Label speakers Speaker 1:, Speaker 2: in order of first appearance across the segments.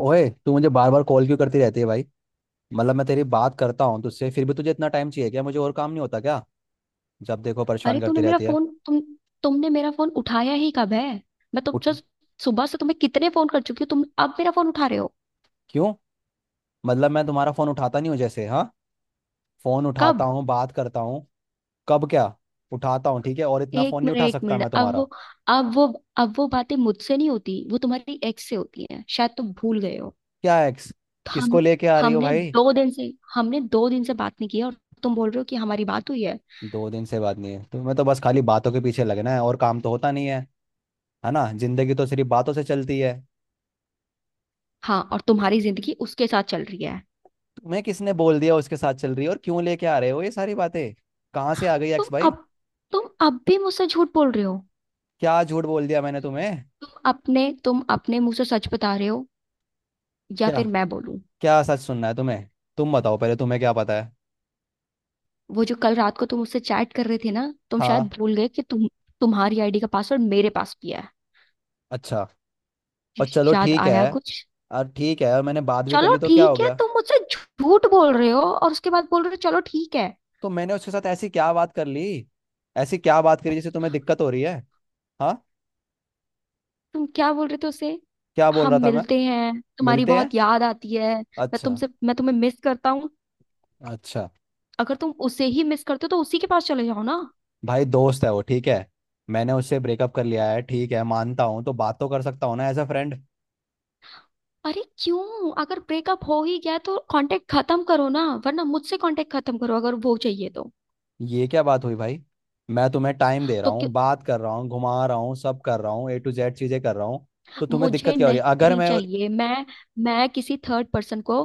Speaker 1: ओए तू मुझे बार बार कॉल क्यों करती रहती है भाई। मतलब मैं तेरी बात करता हूँ तुझसे, फिर भी तुझे इतना टाइम चाहिए क्या। मुझे और काम नहीं होता क्या। जब देखो परेशान
Speaker 2: अरे
Speaker 1: करती
Speaker 2: तूने मेरा
Speaker 1: रहती है।
Speaker 2: फोन तुम तुमने मेरा फोन उठाया ही कब है? मैं तुम
Speaker 1: उठ।
Speaker 2: जस्ट सुबह से तुम्हें कितने फोन कर चुकी हूँ, तुम अब मेरा फोन उठा रहे हो।
Speaker 1: क्यों। मतलब मैं तुम्हारा फोन उठाता नहीं हूँ जैसे। हाँ, फोन
Speaker 2: कब?
Speaker 1: उठाता हूँ, बात करता हूँ। कब क्या। उठाता हूँ, ठीक है। और इतना
Speaker 2: एक
Speaker 1: फोन नहीं
Speaker 2: मिनट,
Speaker 1: उठा
Speaker 2: एक
Speaker 1: सकता
Speaker 2: मिनट।
Speaker 1: मैं तुम्हारा।
Speaker 2: अब वो अब वो बातें मुझसे नहीं होती, वो तुम्हारी एक्स से होती हैं। शायद तुम भूल गए हो।
Speaker 1: क्या एक्स। किसको
Speaker 2: हम
Speaker 1: लेके आ रही हो
Speaker 2: हमने
Speaker 1: भाई।
Speaker 2: दो दिन से हमने दो दिन से बात नहीं की है, और तुम बोल रहे हो कि हमारी बात हुई है।
Speaker 1: दो दिन से बात नहीं है। तुम्हें तो बस खाली बातों के पीछे लगना है और काम तो होता नहीं है। है ना, जिंदगी तो सिर्फ बातों से चलती है।
Speaker 2: हाँ, और तुम्हारी जिंदगी उसके साथ चल रही है।
Speaker 1: मैं किसने बोल दिया उसके साथ चल रही है। और क्यों लेके आ रहे हो ये सारी बातें। कहाँ से आ गई
Speaker 2: तुम
Speaker 1: एक्स भाई।
Speaker 2: अब तुम अब भी मुझसे झूठ बोल रहे हो।
Speaker 1: क्या झूठ बोल दिया मैंने तुम्हें।
Speaker 2: तुम अपने मुंह से सच बता रहे हो, या
Speaker 1: क्या।
Speaker 2: फिर मैं बोलूं?
Speaker 1: क्या सच सुनना है तुम्हें। तुम बताओ पहले, तुम्हें क्या पता है।
Speaker 2: वो जो कल रात को तुम उससे चैट कर रहे थे ना, तुम शायद
Speaker 1: हाँ।
Speaker 2: भूल गए कि तुम्हारी आईडी का पासवर्ड मेरे पास भी है।
Speaker 1: अच्छा। और चलो
Speaker 2: याद
Speaker 1: ठीक
Speaker 2: आया
Speaker 1: है।
Speaker 2: कुछ?
Speaker 1: और ठीक है, और मैंने बात भी कर
Speaker 2: चलो
Speaker 1: ली तो क्या हो
Speaker 2: ठीक है,
Speaker 1: गया।
Speaker 2: तुम मुझसे झूठ बोल रहे हो और उसके बाद बोल रहे हो चलो ठीक है।
Speaker 1: तो मैंने उसके साथ ऐसी क्या बात कर ली। ऐसी क्या बात करी जिससे तुम्हें दिक्कत हो रही है। हाँ।
Speaker 2: तुम क्या बोल रहे थे उसे?
Speaker 1: क्या बोल
Speaker 2: हम
Speaker 1: रहा था मैं।
Speaker 2: मिलते हैं, तुम्हारी
Speaker 1: मिलते हैं।
Speaker 2: बहुत याद आती है।
Speaker 1: अच्छा।
Speaker 2: मैं तुम्हें मिस करता हूँ।
Speaker 1: अच्छा।
Speaker 2: अगर तुम उसे ही मिस करते हो तो उसी के पास चले जाओ ना।
Speaker 1: भाई दोस्त है वो, ठीक है। मैंने उससे ब्रेकअप कर लिया है, ठीक है, मानता हूँ, तो बात तो कर सकता हूँ ना एज अ फ्रेंड।
Speaker 2: अरे क्यों? अगर ब्रेकअप हो ही गया है, तो कांटेक्ट खत्म करो ना, वरना मुझसे कांटेक्ट खत्म करो अगर वो चाहिए तो
Speaker 1: ये क्या बात हुई भाई। मैं तुम्हें टाइम दे रहा
Speaker 2: तो
Speaker 1: हूँ, बात कर रहा हूँ, घुमा रहा हूँ, सब कर रहा हूँ, ए टू जेड चीजें कर रहा हूँ। तो तुम्हें
Speaker 2: मुझे
Speaker 1: दिक्कत क्या हो रही है अगर
Speaker 2: नहीं
Speaker 1: मैं।
Speaker 2: चाहिए। मैं किसी थर्ड पर्सन को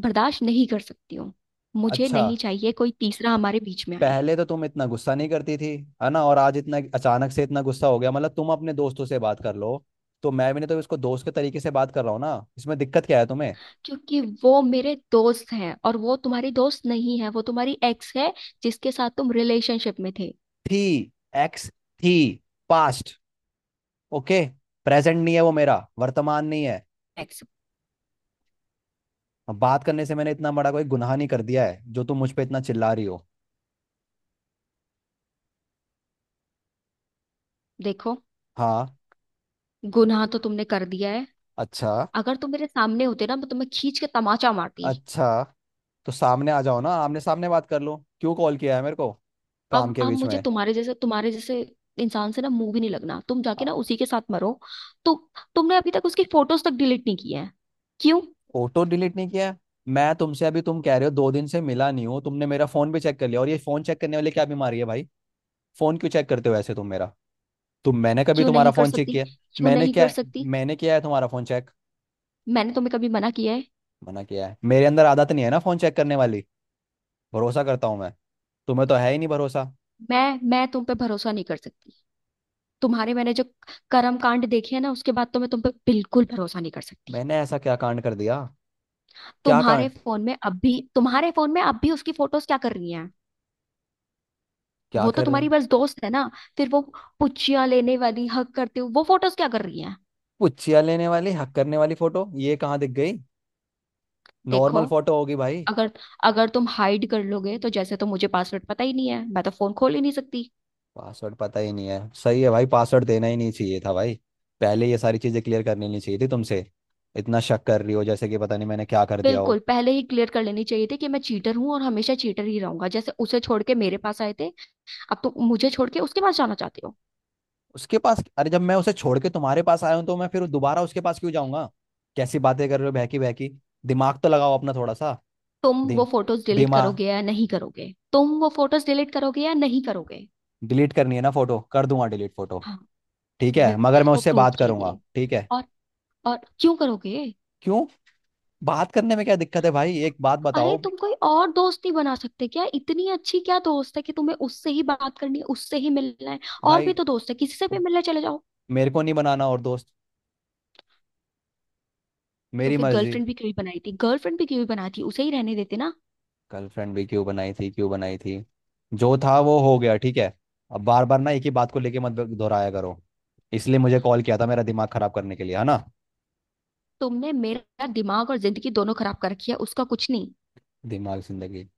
Speaker 2: बर्दाश्त नहीं कर सकती हूँ। मुझे
Speaker 1: अच्छा।
Speaker 2: नहीं चाहिए कोई तीसरा हमारे बीच में आए।
Speaker 1: पहले तो तुम इतना गुस्सा नहीं करती थी, है ना। और आज इतना अचानक से इतना गुस्सा हो गया। मतलब तुम अपने दोस्तों से बात कर लो तो मैं भी नहीं। तो इसको दोस्त के तरीके से बात कर रहा हूँ ना, इसमें दिक्कत क्या है तुम्हें।
Speaker 2: क्योंकि वो मेरे दोस्त हैं, और वो तुम्हारी दोस्त नहीं है, वो तुम्हारी एक्स है जिसके साथ तुम रिलेशनशिप में थे।
Speaker 1: थी, एक्स थी, पास्ट, ओके। प्रेजेंट नहीं है वो, मेरा वर्तमान नहीं है।
Speaker 2: एक्स।
Speaker 1: बात करने से मैंने इतना बड़ा कोई गुनाह नहीं कर दिया है जो तुम मुझ पे इतना चिल्ला रही हो।
Speaker 2: देखो।
Speaker 1: हाँ।
Speaker 2: गुनाह तो तुमने कर दिया है।
Speaker 1: अच्छा।
Speaker 2: अगर तुम मेरे सामने होते ना, मैं तुम्हें खींच के तमाचा मारती।
Speaker 1: अच्छा, तो सामने आ जाओ ना, आमने सामने बात कर लो। क्यों कॉल किया है मेरे को
Speaker 2: अब
Speaker 1: काम के
Speaker 2: अब
Speaker 1: बीच
Speaker 2: मुझे
Speaker 1: में।
Speaker 2: तुम्हारे जैसे इंसान से ना मुंह भी नहीं लगना। तुम जाके ना उसी के साथ मरो। तो, तुमने अभी तक उसकी फोटोज तक डिलीट नहीं की है। क्यों?
Speaker 1: फोटो डिलीट नहीं किया है। मैं तुमसे अभी, तुम कह रहे हो दो दिन से मिला नहीं हो, तुमने मेरा फोन भी चेक कर लिया। और ये फोन चेक करने वाले क्या बीमारी है भाई। फोन क्यों चेक करते हो ऐसे तुम मेरा। तुम, मैंने कभी
Speaker 2: क्यों
Speaker 1: तुम्हारा
Speaker 2: नहीं कर
Speaker 1: फोन चेक
Speaker 2: सकती?
Speaker 1: किया।
Speaker 2: क्यों
Speaker 1: मैंने
Speaker 2: नहीं कर
Speaker 1: क्या।
Speaker 2: सकती?
Speaker 1: मैंने किया है तुम्हारा फोन चेक।
Speaker 2: मैंने तुम्हें कभी मना किया है?
Speaker 1: मना किया है। मेरे अंदर आदत नहीं है ना फोन चेक करने वाली। भरोसा करता हूँ मैं। तुम्हें तो है ही नहीं भरोसा।
Speaker 2: मैं तुम पे भरोसा नहीं कर सकती। तुम्हारे, मैंने जो कर्म कांड देखे हैं ना, उसके बाद तो मैं तुम पे बिल्कुल भरोसा नहीं कर सकती।
Speaker 1: मैंने ऐसा क्या कांड कर दिया। क्या कांड।
Speaker 2: तुम्हारे फोन में अब भी उसकी फोटोज क्या कर रही हैं?
Speaker 1: क्या
Speaker 2: वो तो
Speaker 1: कर रहे।
Speaker 2: तुम्हारी बस दोस्त है ना। फिर वो पुच्चियां लेने वाली हक करते हुए वो फोटोज क्या कर रही हैं?
Speaker 1: पुच्छिया लेने वाली, हक करने वाली फोटो, ये कहाँ दिख गई।
Speaker 2: देखो।
Speaker 1: नॉर्मल फोटो होगी भाई।
Speaker 2: अगर अगर तुम हाइड कर लोगे तो जैसे, तो मुझे पासवर्ड पता ही नहीं है, मैं तो फोन खोल ही नहीं सकती।
Speaker 1: पासवर्ड पता ही नहीं है, सही है भाई, पासवर्ड देना ही नहीं चाहिए था भाई। पहले ये सारी चीजें क्लियर करनी नहीं चाहिए थी तुमसे। इतना शक कर रही हो जैसे कि पता नहीं मैंने क्या कर दिया हो।
Speaker 2: बिल्कुल पहले ही क्लियर कर लेनी चाहिए थी कि मैं चीटर हूं और हमेशा चीटर ही रहूंगा, जैसे उसे छोड़ के मेरे पास आए थे अब तुम मुझे छोड़ के उसके पास जाना चाहते हो।
Speaker 1: उसके पास, अरे जब मैं उसे छोड़ के तुम्हारे पास आया हूं तो मैं फिर दोबारा उसके पास क्यों जाऊंगा। कैसी बातें कर रहे हो बहकी बहकी। दिमाग तो लगाओ अपना थोड़ा सा।
Speaker 2: तुम वो
Speaker 1: दे
Speaker 2: फोटोज डिलीट
Speaker 1: दिमाग।
Speaker 2: करोगे या नहीं करोगे? तुम वो फोटोज डिलीट करोगे या नहीं करोगे?
Speaker 1: डिलीट करनी है ना फोटो, कर दूंगा डिलीट फोटो।
Speaker 2: हाँ।
Speaker 1: ठीक है, मगर
Speaker 2: मेरे
Speaker 1: मैं
Speaker 2: को
Speaker 1: उससे
Speaker 2: प्रूफ
Speaker 1: बात करूंगा,
Speaker 2: चाहिए।
Speaker 1: ठीक है।
Speaker 2: और और क्यों करोगे?
Speaker 1: क्यों, बात करने में क्या दिक्कत है भाई, एक बात
Speaker 2: अरे
Speaker 1: बताओ
Speaker 2: तुम कोई और दोस्त नहीं बना सकते क्या? इतनी अच्छी क्या दोस्त है कि तुम्हें उससे ही बात करनी है, उससे ही मिलना है? और
Speaker 1: भाई।
Speaker 2: भी तो दोस्त है, किसी से भी मिलने चले जाओ।
Speaker 1: मेरे को नहीं बनाना और दोस्त,
Speaker 2: तो
Speaker 1: मेरी
Speaker 2: फिर
Speaker 1: मर्जी।
Speaker 2: गर्लफ्रेंड भी क्यों ही बनाई थी? गर्लफ्रेंड भी क्यों ही बनाती? उसे ही रहने देते ना।
Speaker 1: गर्लफ्रेंड भी क्यों बनाई थी, क्यों बनाई थी। जो था वो हो गया, ठीक है। अब बार बार ना एक ही बात को लेके मत दोहराया करो। इसलिए मुझे कॉल किया था मेरा दिमाग खराब करने के लिए, है ना।
Speaker 2: तुमने मेरा दिमाग और जिंदगी दोनों खराब कर रखी है, उसका कुछ नहीं।
Speaker 1: दिमाग जिंदगी।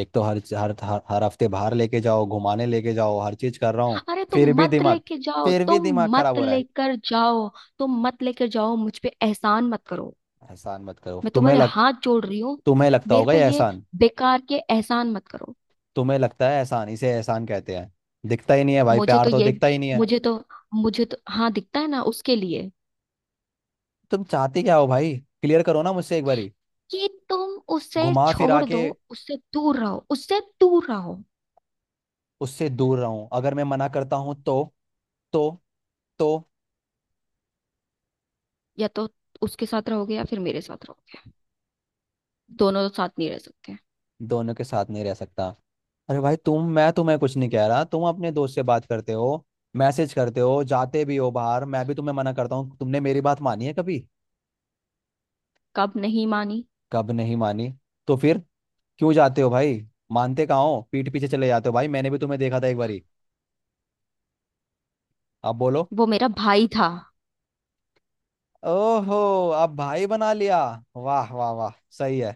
Speaker 1: एक तो हर हफ्ते बाहर लेके जाओ, घुमाने लेके जाओ, हर चीज कर रहा हूँ।
Speaker 2: अरे तुम
Speaker 1: फिर भी
Speaker 2: मत
Speaker 1: दिमाग
Speaker 2: लेके जाओ,
Speaker 1: फिर भी
Speaker 2: तुम
Speaker 1: दिमाग खराब
Speaker 2: मत
Speaker 1: हो रहा है।
Speaker 2: लेकर जाओ, तुम मत लेकर जाओ, मुझ पे एहसान मत करो।
Speaker 1: एहसान मत करो।
Speaker 2: मैं तुम्हारे हाथ जोड़ रही हूँ।
Speaker 1: तुम्हें लगता
Speaker 2: मेरे
Speaker 1: होगा
Speaker 2: पे
Speaker 1: ये
Speaker 2: ये
Speaker 1: एहसान।
Speaker 2: बेकार के एहसान मत करो।
Speaker 1: तुम्हें लगता है एहसान, इसे एहसान कहते हैं। दिखता ही नहीं है भाई,
Speaker 2: मुझे
Speaker 1: प्यार
Speaker 2: तो
Speaker 1: तो
Speaker 2: ये
Speaker 1: दिखता ही नहीं है।
Speaker 2: मुझे तो मुझे तो हाँ दिखता है ना उसके लिए।
Speaker 1: तुम चाहते क्या हो भाई, क्लियर करो ना मुझसे एक बारी।
Speaker 2: कि तुम उसे
Speaker 1: घुमा फिरा
Speaker 2: छोड़
Speaker 1: के।
Speaker 2: दो, उससे दूर रहो, उससे दूर रहो।
Speaker 1: उससे दूर रहूं, अगर मैं मना करता हूं तो, तो तो
Speaker 2: या तो उसके साथ रहोगे या फिर मेरे साथ रहोगे, दोनों तो साथ नहीं रह सकते।
Speaker 1: दोनों के साथ नहीं रह सकता। अरे भाई, तुम मैं तुम्हें कुछ नहीं कह रहा। तुम अपने दोस्त से बात करते हो, मैसेज करते हो, जाते भी हो बाहर। मैं भी तुम्हें मना करता हूँ, तुमने मेरी बात मानी है कभी।
Speaker 2: कब नहीं मानी?
Speaker 1: कब नहीं मानी। तो फिर क्यों जाते हो भाई। मानते कहाँ हो, पीठ पीछे चले जाते हो। भाई मैंने भी तुम्हें देखा था एक बारी, अब बोलो।
Speaker 2: वो मेरा भाई था।
Speaker 1: ओहो, अब भाई बना लिया, वाह वाह वाह, सही है,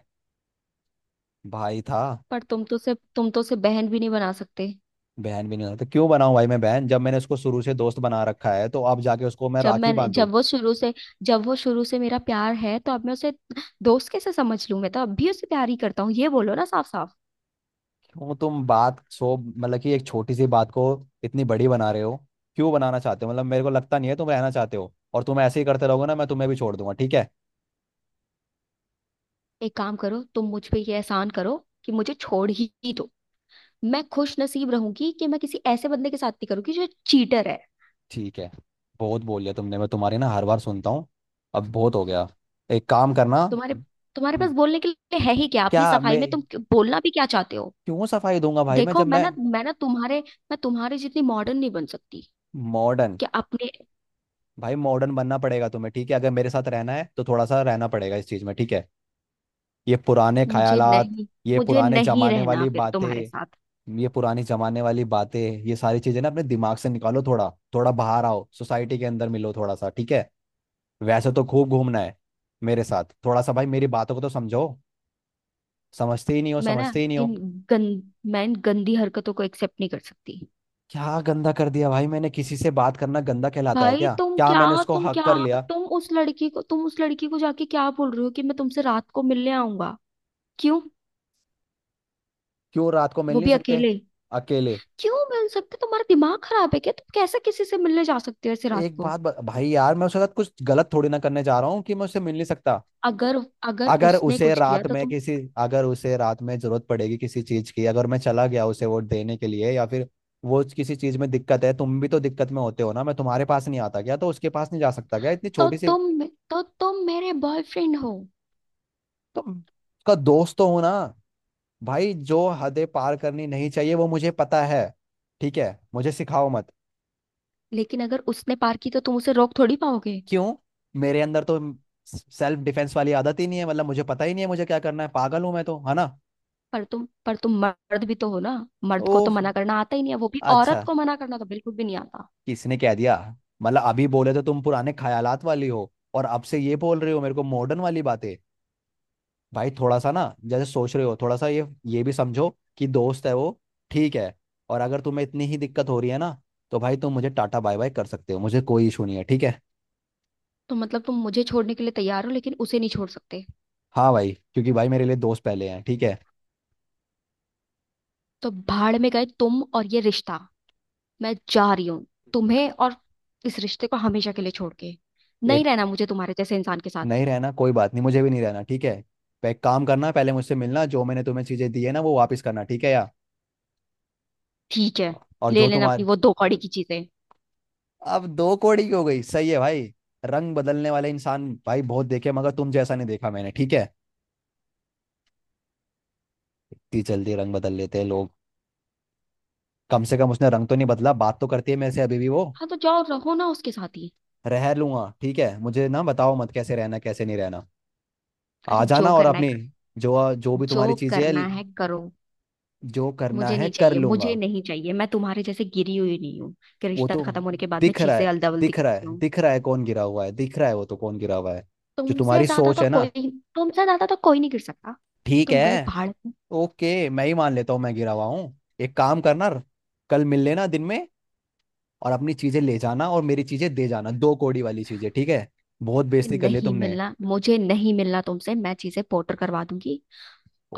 Speaker 1: भाई था।
Speaker 2: पर तुम तो उसे बहन भी नहीं बना सकते।
Speaker 1: बहन भी नहीं होता तो क्यों बनाऊं भाई मैं बहन। जब मैंने उसको शुरू से दोस्त बना रखा है तो अब जाके उसको मैं
Speaker 2: जब
Speaker 1: राखी
Speaker 2: मैं
Speaker 1: बांधू।
Speaker 2: जब वो शुरू से जब वो शुरू से मेरा प्यार है, तो अब मैं उसे दोस्त कैसे समझ लूं? मैं तो अब भी उसे प्यार ही करता हूँ, ये बोलो ना साफ साफ।
Speaker 1: क्यों। तुम बात सो मतलब कि एक छोटी सी बात को इतनी बड़ी बना रहे हो। क्यों बनाना चाहते हो। मतलब मेरे को लगता नहीं है तुम रहना चाहते हो, और तुम ऐसे ही करते रहोगे ना मैं तुम्हें भी छोड़ दूंगा, ठीक है।
Speaker 2: एक काम करो, तुम मुझ पे ये एहसान करो कि मुझे छोड़ ही दो। मैं खुश नसीब रहूंगी कि मैं किसी ऐसे बंदे के साथ नहीं करूंगी जो चीटर है।
Speaker 1: ठीक है, बहुत बोल लिया तुमने, मैं तुम्हारी ना हर बार सुनता हूँ। अब बहुत हो गया, एक काम करना।
Speaker 2: तुम्हारे तुम्हारे पास बोलने के लिए है ही क्या अपनी
Speaker 1: क्या
Speaker 2: सफाई
Speaker 1: मैं,
Speaker 2: में? बोलना भी क्या चाहते हो?
Speaker 1: क्यों सफाई दूंगा भाई मैं,
Speaker 2: देखो,
Speaker 1: जब मैं
Speaker 2: मैं तुम्हारे जितनी मॉडर्न नहीं बन सकती।
Speaker 1: मॉडर्न।
Speaker 2: कि अपने
Speaker 1: भाई मॉडर्न बनना पड़ेगा तुम्हें, ठीक है, अगर मेरे साथ रहना है तो थोड़ा सा रहना पड़ेगा इस चीज में, ठीक है। ये पुराने
Speaker 2: मुझे
Speaker 1: ख्यालात,
Speaker 2: नहीं
Speaker 1: ये
Speaker 2: मुझे
Speaker 1: पुराने
Speaker 2: नहीं
Speaker 1: जमाने
Speaker 2: रहना
Speaker 1: वाली
Speaker 2: फिर तुम्हारे
Speaker 1: बातें,
Speaker 2: साथ।
Speaker 1: ये पुरानी जमाने वाली बातें, ये सारी चीजें ना अपने दिमाग से निकालो थोड़ा। थोड़ा बाहर आओ, सोसाइटी के अंदर मिलो थोड़ा सा, ठीक है। वैसे तो खूब घूमना है मेरे साथ थोड़ा सा। भाई मेरी बातों को तो समझो, समझते ही नहीं हो,
Speaker 2: मैं ना
Speaker 1: समझते ही नहीं हो।
Speaker 2: इन मैं इन गंदी हरकतों को एक्सेप्ट नहीं कर सकती।
Speaker 1: क्या गंदा कर दिया भाई मैंने, किसी से बात करना गंदा कहलाता है
Speaker 2: भाई
Speaker 1: क्या।
Speaker 2: तुम
Speaker 1: क्या
Speaker 2: क्या
Speaker 1: मैंने उसको
Speaker 2: तुम
Speaker 1: हक कर
Speaker 2: क्या
Speaker 1: लिया।
Speaker 2: तुम उस लड़की को जाके क्या बोल रहे हो कि मैं तुमसे रात को मिलने आऊंगा? क्यों?
Speaker 1: क्यों रात को मिल
Speaker 2: वो
Speaker 1: नहीं
Speaker 2: भी
Speaker 1: सकते।
Speaker 2: अकेले?
Speaker 1: अकेले।
Speaker 2: क्यों मिल सकते? तुम्हारा दिमाग खराब है क्या? तुम कैसे किसी से मिलने जा सकते हो ऐसे रात
Speaker 1: एक
Speaker 2: को?
Speaker 1: बात भाई यार मैं उसके साथ कुछ गलत थोड़ी ना करने जा रहा हूँ कि मैं उससे मिल नहीं सकता।
Speaker 2: अगर अगर
Speaker 1: अगर
Speaker 2: उसने
Speaker 1: उसे
Speaker 2: कुछ किया
Speaker 1: रात
Speaker 2: तो
Speaker 1: में
Speaker 2: तुम।
Speaker 1: किसी अगर उसे रात में जरूरत पड़ेगी किसी चीज की, अगर मैं चला गया उसे वोट देने के लिए या फिर वो किसी चीज में दिक्कत है। तुम भी तो दिक्कत में होते हो ना, मैं तुम्हारे पास नहीं आता क्या, तो उसके पास नहीं जा सकता क्या। इतनी
Speaker 2: तो
Speaker 1: छोटी सी।
Speaker 2: तुम तो तुम मेरे बॉयफ्रेंड हो।
Speaker 1: तो उसका दोस्त तो हो ना। भाई जो हदें पार करनी नहीं चाहिए वो मुझे पता है, ठीक है, मुझे सिखाओ मत।
Speaker 2: लेकिन अगर उसने पार की तो तुम उसे रोक थोड़ी पाओगे?
Speaker 1: क्यों, मेरे अंदर तो सेल्फ डिफेंस वाली आदत ही नहीं है, मतलब मुझे पता ही नहीं है मुझे क्या करना है, पागल हूं मैं तो, है ना।
Speaker 2: पर तुम मर्द भी तो हो ना। मर्द को
Speaker 1: ओह,
Speaker 2: तो मना करना आता ही नहीं है, वो भी
Speaker 1: अच्छा,
Speaker 2: औरत को मना करना तो बिल्कुल भी नहीं आता।
Speaker 1: किसने कह दिया। मतलब अभी बोले तो तुम पुराने ख्यालात वाली हो और अब से ये बोल रहे हो मेरे को मॉडर्न वाली बातें। भाई थोड़ा सा ना जैसे सोच रहे हो, थोड़ा सा ये भी समझो कि दोस्त है वो, ठीक है। और अगर तुम्हें इतनी ही दिक्कत हो रही है ना, तो भाई तुम मुझे टाटा बाय बाय कर सकते हो, मुझे कोई इशू नहीं है, ठीक है।
Speaker 2: तो मतलब तुम मुझे छोड़ने के लिए तैयार हो, लेकिन उसे नहीं छोड़ सकते?
Speaker 1: हाँ भाई, क्योंकि भाई मेरे लिए दोस्त पहले हैं, ठीक है।
Speaker 2: तो भाड़ में गए तुम और ये रिश्ता। मैं जा रही हूँ तुम्हें और इस रिश्ते को हमेशा के लिए छोड़ के।
Speaker 1: एक,
Speaker 2: नहीं रहना मुझे तुम्हारे जैसे इंसान के साथ।
Speaker 1: नहीं रहना कोई बात नहीं, मुझे भी नहीं रहना, ठीक है। एक काम करना, पहले मुझसे मिलना, जो मैंने तुम्हें चीजें दी है ना वो वापस करना, ठीक है यार।
Speaker 2: ठीक है,
Speaker 1: और
Speaker 2: ले
Speaker 1: जो
Speaker 2: लेना अपनी
Speaker 1: तुम्हारे,
Speaker 2: वो दो कौड़ी की चीजें।
Speaker 1: अब दो कोड़ी की हो गई, सही है भाई। रंग बदलने वाले इंसान भाई बहुत देखे मगर तुम जैसा नहीं देखा मैंने, ठीक है। इतनी जल्दी रंग बदल लेते हैं लोग। कम से कम उसने रंग तो नहीं बदला, बात तो करती है मेरे से अभी भी वो।
Speaker 2: हाँ, तो जाओ रहो ना उसके साथ ही।
Speaker 1: रह लूंगा, ठीक है, मुझे ना बताओ मत कैसे रहना कैसे नहीं रहना। आ
Speaker 2: अरे जो
Speaker 1: जाना और
Speaker 2: करना है,
Speaker 1: अपनी जो जो भी तुम्हारी
Speaker 2: जो
Speaker 1: चीजें है,
Speaker 2: करना है करो।
Speaker 1: जो करना
Speaker 2: मुझे
Speaker 1: है
Speaker 2: नहीं
Speaker 1: कर
Speaker 2: चाहिए, मुझे
Speaker 1: लूंगा।
Speaker 2: नहीं चाहिए, मैं तुम्हारे जैसे गिरी हुई नहीं हूँ कि
Speaker 1: वो
Speaker 2: रिश्ता
Speaker 1: तो
Speaker 2: खत्म होने के बाद मैं
Speaker 1: दिख रहा
Speaker 2: चीजें
Speaker 1: है,
Speaker 2: अलदा बल्दी
Speaker 1: दिख रहा
Speaker 2: करती
Speaker 1: है,
Speaker 2: हूँ।
Speaker 1: दिख रहा है कौन गिरा हुआ है, दिख रहा है वो तो कौन गिरा हुआ है। जो
Speaker 2: तुमसे
Speaker 1: तुम्हारी
Speaker 2: ज्यादा
Speaker 1: सोच
Speaker 2: तो
Speaker 1: है ना,
Speaker 2: कोई तुमसे ज्यादा तो कोई नहीं गिर सकता।
Speaker 1: ठीक
Speaker 2: तुम गए
Speaker 1: है।
Speaker 2: भाड़ में।
Speaker 1: ओके, मैं ही मान लेता हूँ मैं गिरा हुआ हूँ। एक काम करना, कल मिल लेना दिन में, और अपनी चीजें ले जाना और मेरी चीजें दे जाना, दो कौड़ी वाली चीजें, ठीक है। बहुत
Speaker 2: मुझे
Speaker 1: बेइज्जती कर ली
Speaker 2: नहीं
Speaker 1: तुमने।
Speaker 2: मिलना, मुझे नहीं मिलना तुमसे। मैं चीजें पोटर करवा दूंगी।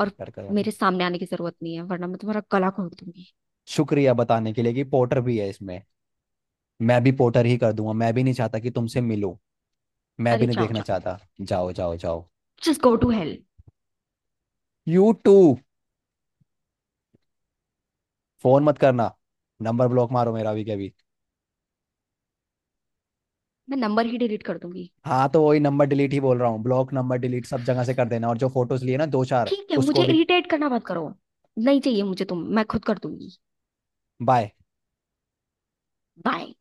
Speaker 2: और
Speaker 1: करवा दी।
Speaker 2: मेरे सामने आने की जरूरत नहीं है, वरना मैं तुम्हारा गला घोट दूंगी।
Speaker 1: शुक्रिया बताने के लिए कि पोर्टर भी है इसमें। मैं भी पोर्टर ही कर दूंगा, मैं भी नहीं चाहता कि तुमसे मिलूं, मैं भी
Speaker 2: अरे
Speaker 1: नहीं
Speaker 2: जाओ,
Speaker 1: देखना
Speaker 2: जाओ।
Speaker 1: चाहता, जाओ जाओ जाओ।
Speaker 2: Just go to hell.
Speaker 1: You too. Phone मत करना, नंबर ब्लॉक मारो मेरा भी कभी।
Speaker 2: मैं नंबर ही डिलीट कर दूंगी।
Speaker 1: हाँ तो वही नंबर डिलीट ही बोल रहा हूँ, ब्लॉक नंबर डिलीट सब जगह से कर देना, और जो फोटोज लिए ना दो चार,
Speaker 2: ठीक है,
Speaker 1: उसको
Speaker 2: मुझे
Speaker 1: भी।
Speaker 2: इरिटेट करना मत करो। नहीं चाहिए मुझे तुम। मैं खुद कर दूंगी।
Speaker 1: बाय।
Speaker 2: बाय।